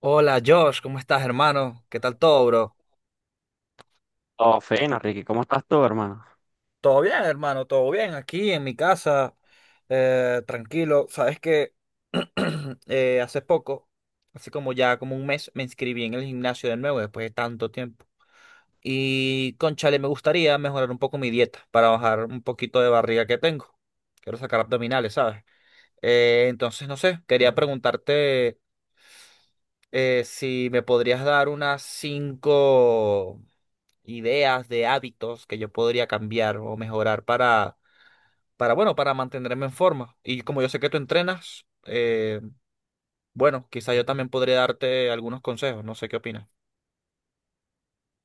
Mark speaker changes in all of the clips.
Speaker 1: Hola Josh, ¿cómo estás, hermano? ¿Qué tal todo, bro?
Speaker 2: Oh, fena, Ricky, ¿cómo estás tú, hermano?
Speaker 1: Todo bien, hermano, todo bien. Aquí en mi casa, tranquilo. Sabes que hace poco, hace como ya como un mes, me inscribí en el gimnasio de nuevo después de tanto tiempo. Y cónchale, me gustaría mejorar un poco mi dieta para bajar un poquito de barriga que tengo. Quiero sacar abdominales, ¿sabes? Entonces, no sé, quería preguntarte si me podrías dar unas cinco. Ideas de hábitos que yo podría cambiar o mejorar para, bueno, para mantenerme en forma. Y como yo sé que tú entrenas, bueno, quizá yo también podría darte algunos consejos, no sé qué opinas.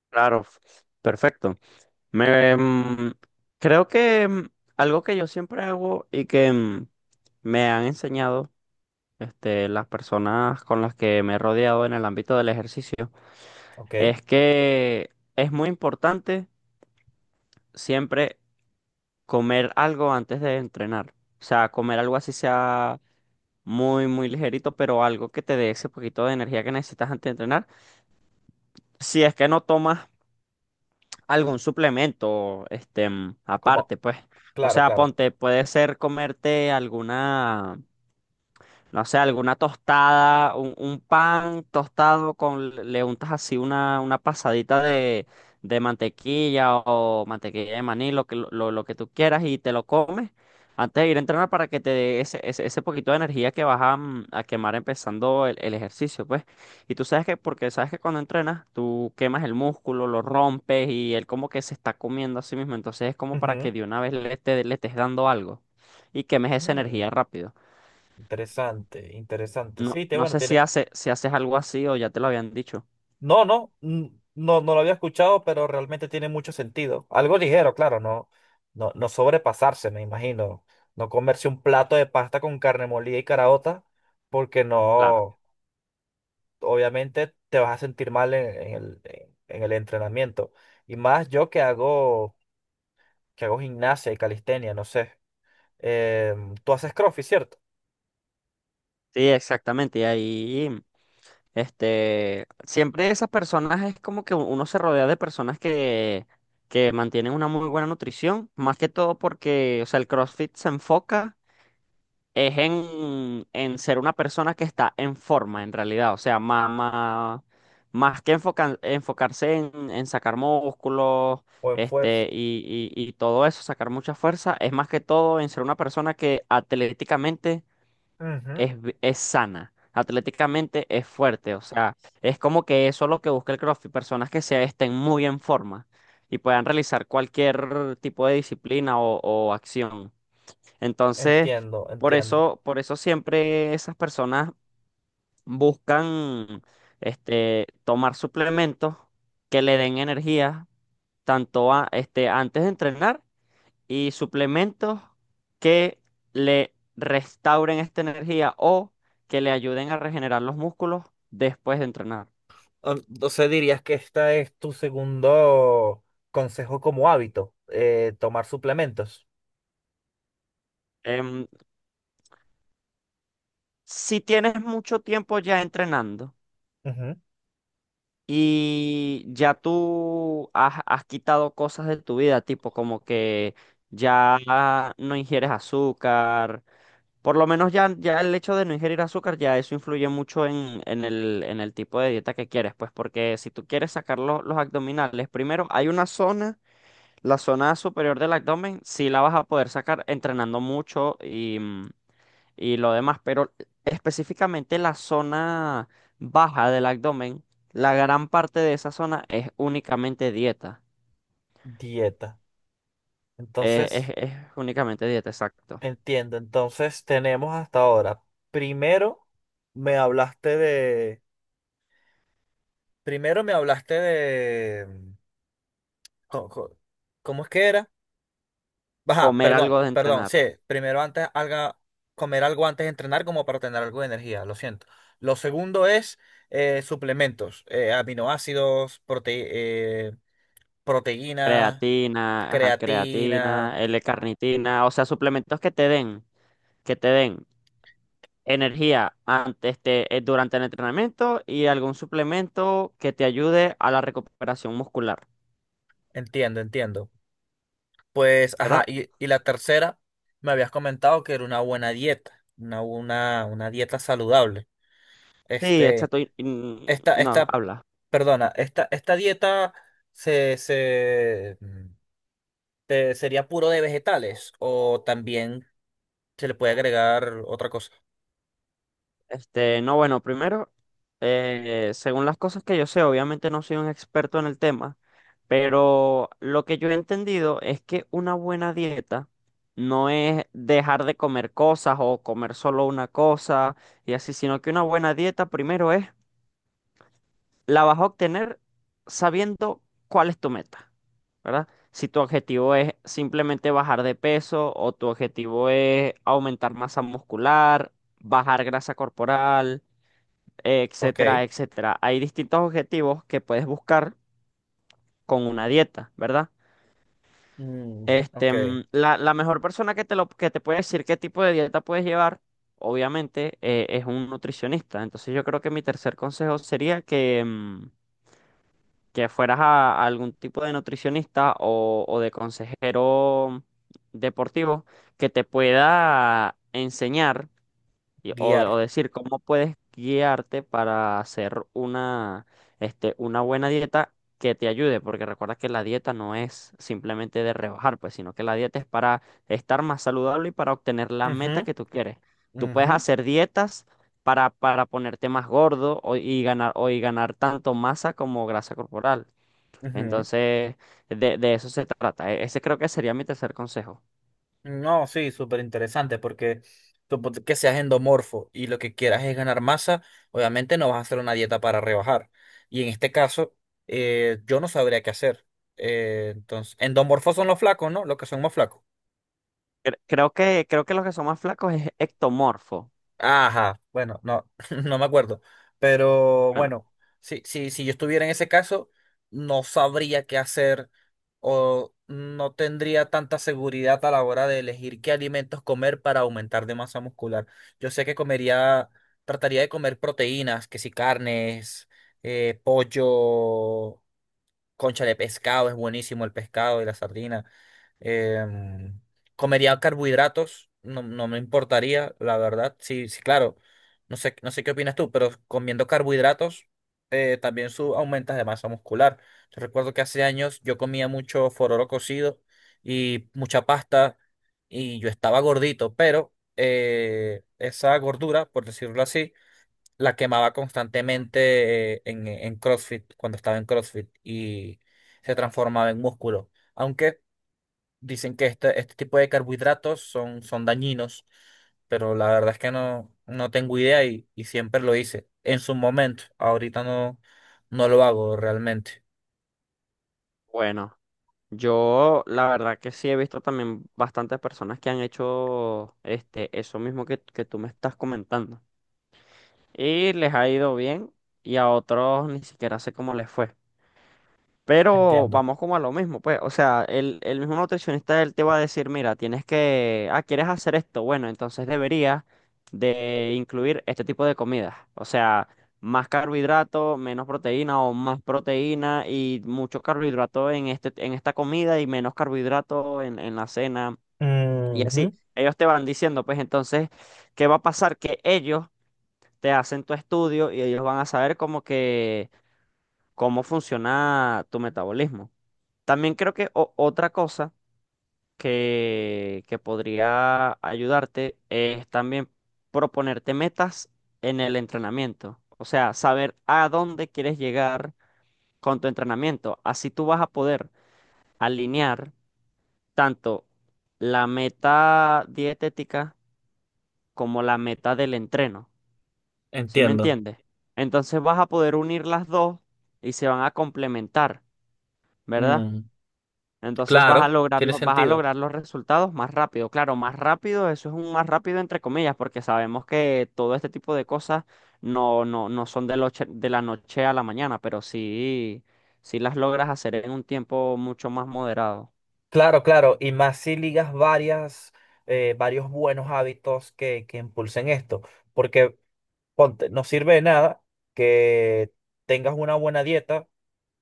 Speaker 2: Claro, perfecto. Me, mm, creo que algo que yo siempre hago y que me han enseñado este, las personas con las que me he rodeado en el ámbito del ejercicio
Speaker 1: Ok,
Speaker 2: es que es muy importante siempre comer algo antes de entrenar. O sea, comer algo así sea muy, muy ligerito, pero algo que te dé ese poquito de energía que necesitas antes de entrenar. Si es que no tomas algún suplemento, este,
Speaker 1: como,
Speaker 2: aparte, pues. O
Speaker 1: claro,
Speaker 2: sea,
Speaker 1: claro.
Speaker 2: ponte, puede ser comerte alguna no sé, alguna tostada, un pan tostado con, le untas así una pasadita de mantequilla o mantequilla de maní, lo que tú quieras y te lo comes antes de ir a entrenar para que te dé ese poquito de energía que vas a, a quemar empezando el ejercicio, pues. Y tú sabes que, porque sabes que cuando entrenas, tú quemas el músculo, lo rompes y él como que se está comiendo a sí mismo, entonces es como para que
Speaker 1: Ujú.
Speaker 2: de una vez le estés dando algo y quemes esa
Speaker 1: Mm,
Speaker 2: energía rápido.
Speaker 1: interesante, interesante.
Speaker 2: No,
Speaker 1: Sí, te,
Speaker 2: no
Speaker 1: bueno,
Speaker 2: sé si
Speaker 1: tiene.
Speaker 2: hace, si haces algo así o ya te lo habían dicho.
Speaker 1: No, no, no, no lo había escuchado, pero realmente tiene mucho sentido. Algo ligero, claro, no, no, no sobrepasarse, me imagino. No comerse un plato de pasta con carne molida y caraota, porque
Speaker 2: Claro.
Speaker 1: no, obviamente te vas a sentir mal en, en el entrenamiento. Y más yo que hago gimnasia y calistenia, no sé. Tú haces CrossFit, ¿cierto?
Speaker 2: Sí, exactamente. Y ahí, este, siempre esas personas es como que uno se rodea de personas que mantienen una muy buena nutrición, más que todo porque, o sea, el CrossFit se enfoca. Es en ser una persona que está en forma, en realidad. O sea, más que enfocarse en sacar músculos,
Speaker 1: O en fuerza.
Speaker 2: este, y todo eso, sacar mucha fuerza, es más que todo en ser una persona que atléticamente
Speaker 1: Ujú.
Speaker 2: es sana. Atléticamente es fuerte, o sea, es como que eso es lo que busca el CrossFit, personas que se estén muy en forma y puedan realizar cualquier tipo de disciplina o acción. Entonces,
Speaker 1: Entiendo, entiendo.
Speaker 2: por eso siempre esas personas buscan este, tomar suplementos que le den energía, tanto este, antes de entrenar, y suplementos que le restauren esta energía o que le ayuden a regenerar los músculos después de entrenar.
Speaker 1: Entonces dirías que esta es tu segundo consejo como hábito, tomar suplementos.
Speaker 2: Em, si tienes mucho tiempo ya entrenando,
Speaker 1: Ujú.
Speaker 2: y ya has quitado cosas de tu vida, tipo como que ya no ingieres azúcar. Por lo menos ya el hecho de no ingerir azúcar, ya eso influye mucho en, en el tipo de dieta que quieres. Pues porque si tú quieres sacar los abdominales, primero hay una zona, la zona superior del abdomen, sí la vas a poder sacar entrenando mucho y lo demás, pero específicamente la zona baja del abdomen, la gran parte de esa zona es únicamente dieta.
Speaker 1: Dieta. Entonces,
Speaker 2: Es únicamente dieta, exacto.
Speaker 1: entiendo. Entonces tenemos hasta ahora. Primero me hablaste de. Primero me hablaste de. Co- co- ¿Cómo es que era? Ajá,
Speaker 2: Comer
Speaker 1: perdón,
Speaker 2: algo de
Speaker 1: perdón.
Speaker 2: entrenar.
Speaker 1: Sí, primero antes haga comer algo antes de entrenar como para tener algo de energía, lo siento. Lo segundo es suplementos, aminoácidos, proteína,
Speaker 2: Creatina, ajá,
Speaker 1: creatina.
Speaker 2: creatina, L-carnitina, o sea, suplementos que te den energía antes, este, durante el entrenamiento y algún suplemento que te ayude a la recuperación muscular,
Speaker 1: Entiendo, entiendo. Pues, ajá,
Speaker 2: ¿verdad?
Speaker 1: y la tercera, me habías comentado que era una buena dieta, una dieta saludable.
Speaker 2: Sí,
Speaker 1: Este,
Speaker 2: exacto.
Speaker 1: esta,
Speaker 2: No,
Speaker 1: esta,
Speaker 2: habla.
Speaker 1: esta dieta se. ¿Sería puro de vegetales o también se le puede agregar otra cosa?
Speaker 2: Este, no, bueno, primero, según las cosas que yo sé, obviamente no soy un experto en el tema, pero lo que yo he entendido es que una buena dieta no es dejar de comer cosas o comer solo una cosa y así, sino que una buena dieta primero es, la vas a obtener sabiendo cuál es tu meta, ¿verdad? Si tu objetivo es simplemente bajar de peso o tu objetivo es aumentar masa muscular, bajar grasa corporal,
Speaker 1: Ok.
Speaker 2: etcétera, etcétera. Hay distintos objetivos que puedes buscar con una dieta, ¿verdad?
Speaker 1: Mm, ok.
Speaker 2: Este, mm, la mejor persona que que te puede decir qué tipo de dieta puedes llevar, obviamente, es un nutricionista. Entonces yo creo que mi tercer consejo sería que, mm, que fueras a algún tipo de nutricionista o de consejero deportivo que te pueda enseñar, o,
Speaker 1: Guiar.
Speaker 2: o decir cómo puedes guiarte para hacer una, este, una buena dieta que te ayude, porque recuerda que la dieta no es simplemente de rebajar, pues, sino que la dieta es para estar más saludable y para obtener la
Speaker 1: Ujú,
Speaker 2: meta que tú quieres. Tú puedes
Speaker 1: ujú,
Speaker 2: hacer dietas para ponerte más gordo y ganar, o y ganar tanto masa como grasa corporal.
Speaker 1: ujú.
Speaker 2: Entonces, de eso se trata. Ese creo que sería mi tercer consejo.
Speaker 1: No, sí, súper interesante porque suponte que seas endomorfo y lo que quieras es ganar masa, obviamente no vas a hacer una dieta para rebajar. Y en este caso, yo no sabría qué hacer. Entonces, endomorfos son los flacos, ¿no? Los que son más flacos.
Speaker 2: Creo que los que son más flacos es ectomorfo.
Speaker 1: Ajá, bueno, no, no me acuerdo. Pero
Speaker 2: Bueno,
Speaker 1: bueno, si, si yo estuviera en ese caso, no sabría qué hacer o no tendría tanta seguridad a la hora de elegir qué alimentos comer para aumentar de masa muscular. Yo sé que comería, trataría de comer proteínas, que si carnes, pollo, concha de pescado, es buenísimo el pescado y la sardina. Em, Comería carbohidratos, no, no me importaría, la verdad. Sí, sí, claro. No sé, no sé qué opinas tú, pero comiendo carbohidratos también aumentas de masa muscular. Yo recuerdo que hace años yo comía mucho fororo cocido y mucha pasta y yo estaba gordito, pero esa gordura, por decirlo así, la quemaba constantemente en CrossFit, cuando estaba en CrossFit, y se transformaba en músculo. Aunque dicen que este tipo de carbohidratos son, son dañinos, pero la verdad es que no, no tengo idea y siempre lo hice en su momento. Ahorita no, no lo hago realmente.
Speaker 2: bueno. Yo, la verdad que sí he visto también bastantes personas que han hecho este, eso mismo que tú me estás comentando. Y les ha ido bien y a otros ni siquiera sé cómo les fue. Pero
Speaker 1: Entiendo.
Speaker 2: vamos como a lo mismo, pues, o sea, el mismo nutricionista él te va a decir, mira, tienes que, ah, ¿quieres hacer esto? Bueno, entonces deberías de incluir este tipo de comidas, o sea, más carbohidrato, menos proteína o más proteína y mucho carbohidrato en este, en esta comida y menos carbohidrato en la cena y así.
Speaker 1: Ujú.
Speaker 2: Ellos te van diciendo, pues, entonces, ¿qué va a pasar? Que ellos te hacen tu estudio y ellos van a saber como que cómo funciona tu metabolismo. También creo que otra cosa que podría ayudarte es también proponerte metas en el entrenamiento. O sea, saber a dónde quieres llegar con tu entrenamiento. Así tú vas a poder alinear tanto la meta dietética como la meta del entreno. ¿Sí me
Speaker 1: Entiendo.
Speaker 2: entiendes? Entonces vas a poder unir las dos y se van a complementar, ¿verdad?
Speaker 1: Mm,
Speaker 2: Entonces vas a
Speaker 1: claro,
Speaker 2: lograr,
Speaker 1: tiene
Speaker 2: vas a
Speaker 1: sentido.
Speaker 2: lograr los resultados más rápido. Claro, más rápido, eso es un más rápido entre comillas, porque sabemos que todo este tipo de cosas no son de, de la noche a la mañana, pero sí, sí las logras hacer en un tiempo mucho más moderado.
Speaker 1: Claro, claro, y más si ligas varias, varios buenos hábitos que impulsen esto, porque ponte, no sirve de nada que tengas una buena dieta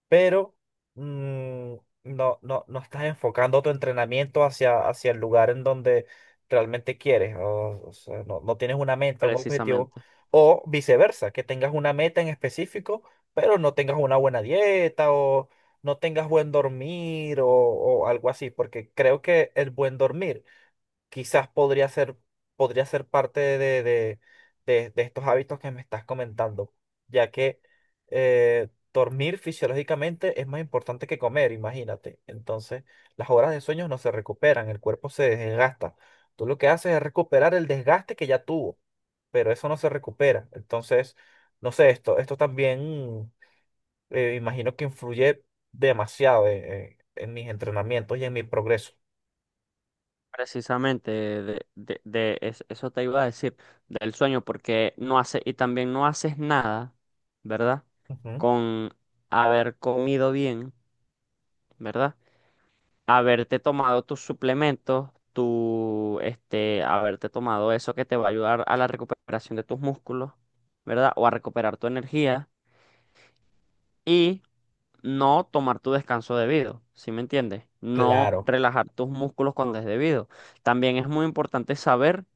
Speaker 1: pero mm, no, no, no estás enfocando tu entrenamiento hacia, hacia el lugar en donde realmente quieres, o sea, no, no tienes una meta, un objetivo,
Speaker 2: Precisamente,
Speaker 1: o viceversa, que tengas una meta en específico, pero no tengas una buena dieta o no tengas buen dormir o algo así, porque creo que el buen dormir quizás podría ser parte de, de- de estos hábitos que me estás comentando, ya que dormir fisiológicamente es más importante que comer, imagínate. Entonces, las horas de sueño no se recuperan, el cuerpo se desgasta. Tú lo que haces es recuperar el desgaste que ya tuvo, pero eso no se recupera. Entonces, no sé, esto también imagino que influye demasiado en mis entrenamientos y en mi progreso.
Speaker 2: precisamente, de, eso te iba a decir, del sueño, porque no hace, y también no haces nada, ¿verdad?
Speaker 1: Ujú.
Speaker 2: Con haber comido bien, ¿verdad? Haberte tomado tus suplementos, tu, este, haberte tomado eso que te va a ayudar a la recuperación de tus músculos, ¿verdad? O a recuperar tu energía. Y no tomar tu descanso debido, ¿sí me entiendes? No
Speaker 1: Claro.
Speaker 2: relajar tus músculos cuando es debido. También es muy importante saber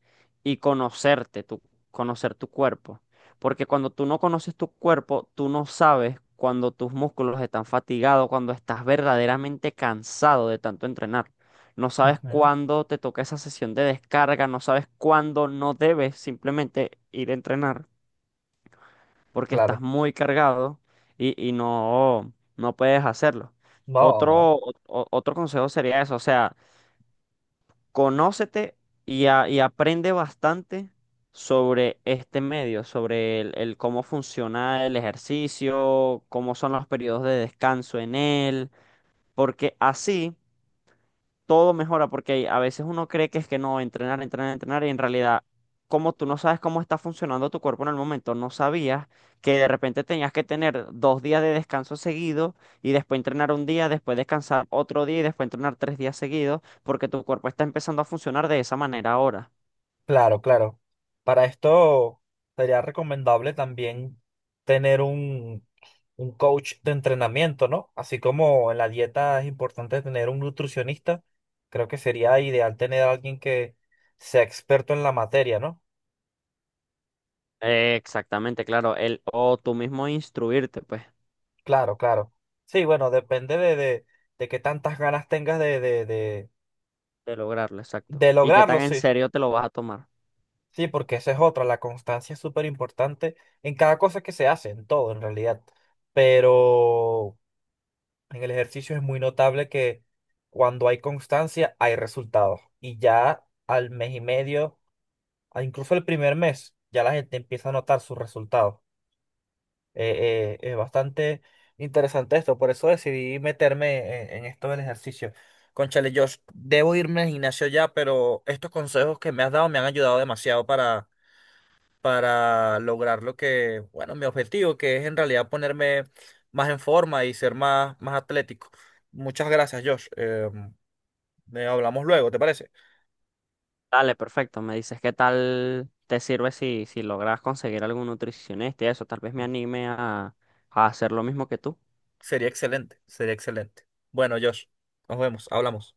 Speaker 2: y conocerte, conocer tu cuerpo, porque cuando tú no conoces tu cuerpo, tú no sabes cuando tus músculos están fatigados, cuando estás verdaderamente cansado de tanto entrenar. No sabes
Speaker 1: Ujú.
Speaker 2: cuándo te toca esa sesión de descarga, no sabes cuándo no debes simplemente ir a entrenar porque estás
Speaker 1: Claro,
Speaker 2: muy cargado y no, no puedes hacerlo.
Speaker 1: no, no,
Speaker 2: Otro, otro consejo sería eso, o sea, conócete y aprende bastante sobre este medio, sobre el cómo funciona el ejercicio, cómo son los periodos de descanso en él, porque así todo mejora porque a veces uno cree que es que no, entrenar, entrenar, entrenar y en realidad, como tú no sabes cómo está funcionando tu cuerpo en el momento, no sabías que de repente tenías que tener 2 días de descanso seguido y después entrenar un día, después descansar otro día y después entrenar 3 días seguidos porque tu cuerpo está empezando a funcionar de esa manera ahora.
Speaker 1: claro, claro. Para esto sería recomendable también tener un coach de entrenamiento, ¿no? Así como en la dieta es importante tener un nutricionista, creo que sería ideal tener a alguien que sea experto en la materia, ¿no?
Speaker 2: Exactamente, claro, el o tú mismo instruirte, pues,
Speaker 1: Claro, claro. Sí, bueno, depende de qué tantas ganas tengas
Speaker 2: de lograrlo, exacto.
Speaker 1: de
Speaker 2: Y qué tan
Speaker 1: lograrlo,
Speaker 2: en
Speaker 1: sí.
Speaker 2: serio te lo vas a tomar.
Speaker 1: Sí, porque esa es otra, la constancia es súper importante en cada cosa que se hace, en todo en realidad. Pero en el ejercicio es muy notable que cuando hay constancia hay resultados. Y ya al mes y medio, a incluso el primer mes, ya la gente empieza a notar sus resultados. Es bastante interesante esto, por eso decidí meterme en esto del ejercicio. Cónchale, yo debo irme al gimnasio ya, pero estos consejos que me has dado me han ayudado demasiado para lograr lo que, bueno, mi objetivo, que es en realidad ponerme más en forma y ser más, más atlético. Muchas gracias, Josh. Hablamos luego, ¿te parece?
Speaker 2: Dale, perfecto. Me dices qué tal te sirve si, si logras conseguir algún nutricionista y eso. Tal vez me anime a hacer lo mismo que tú.
Speaker 1: Sería excelente, sería excelente. Bueno, Josh, nos vemos, hablamos.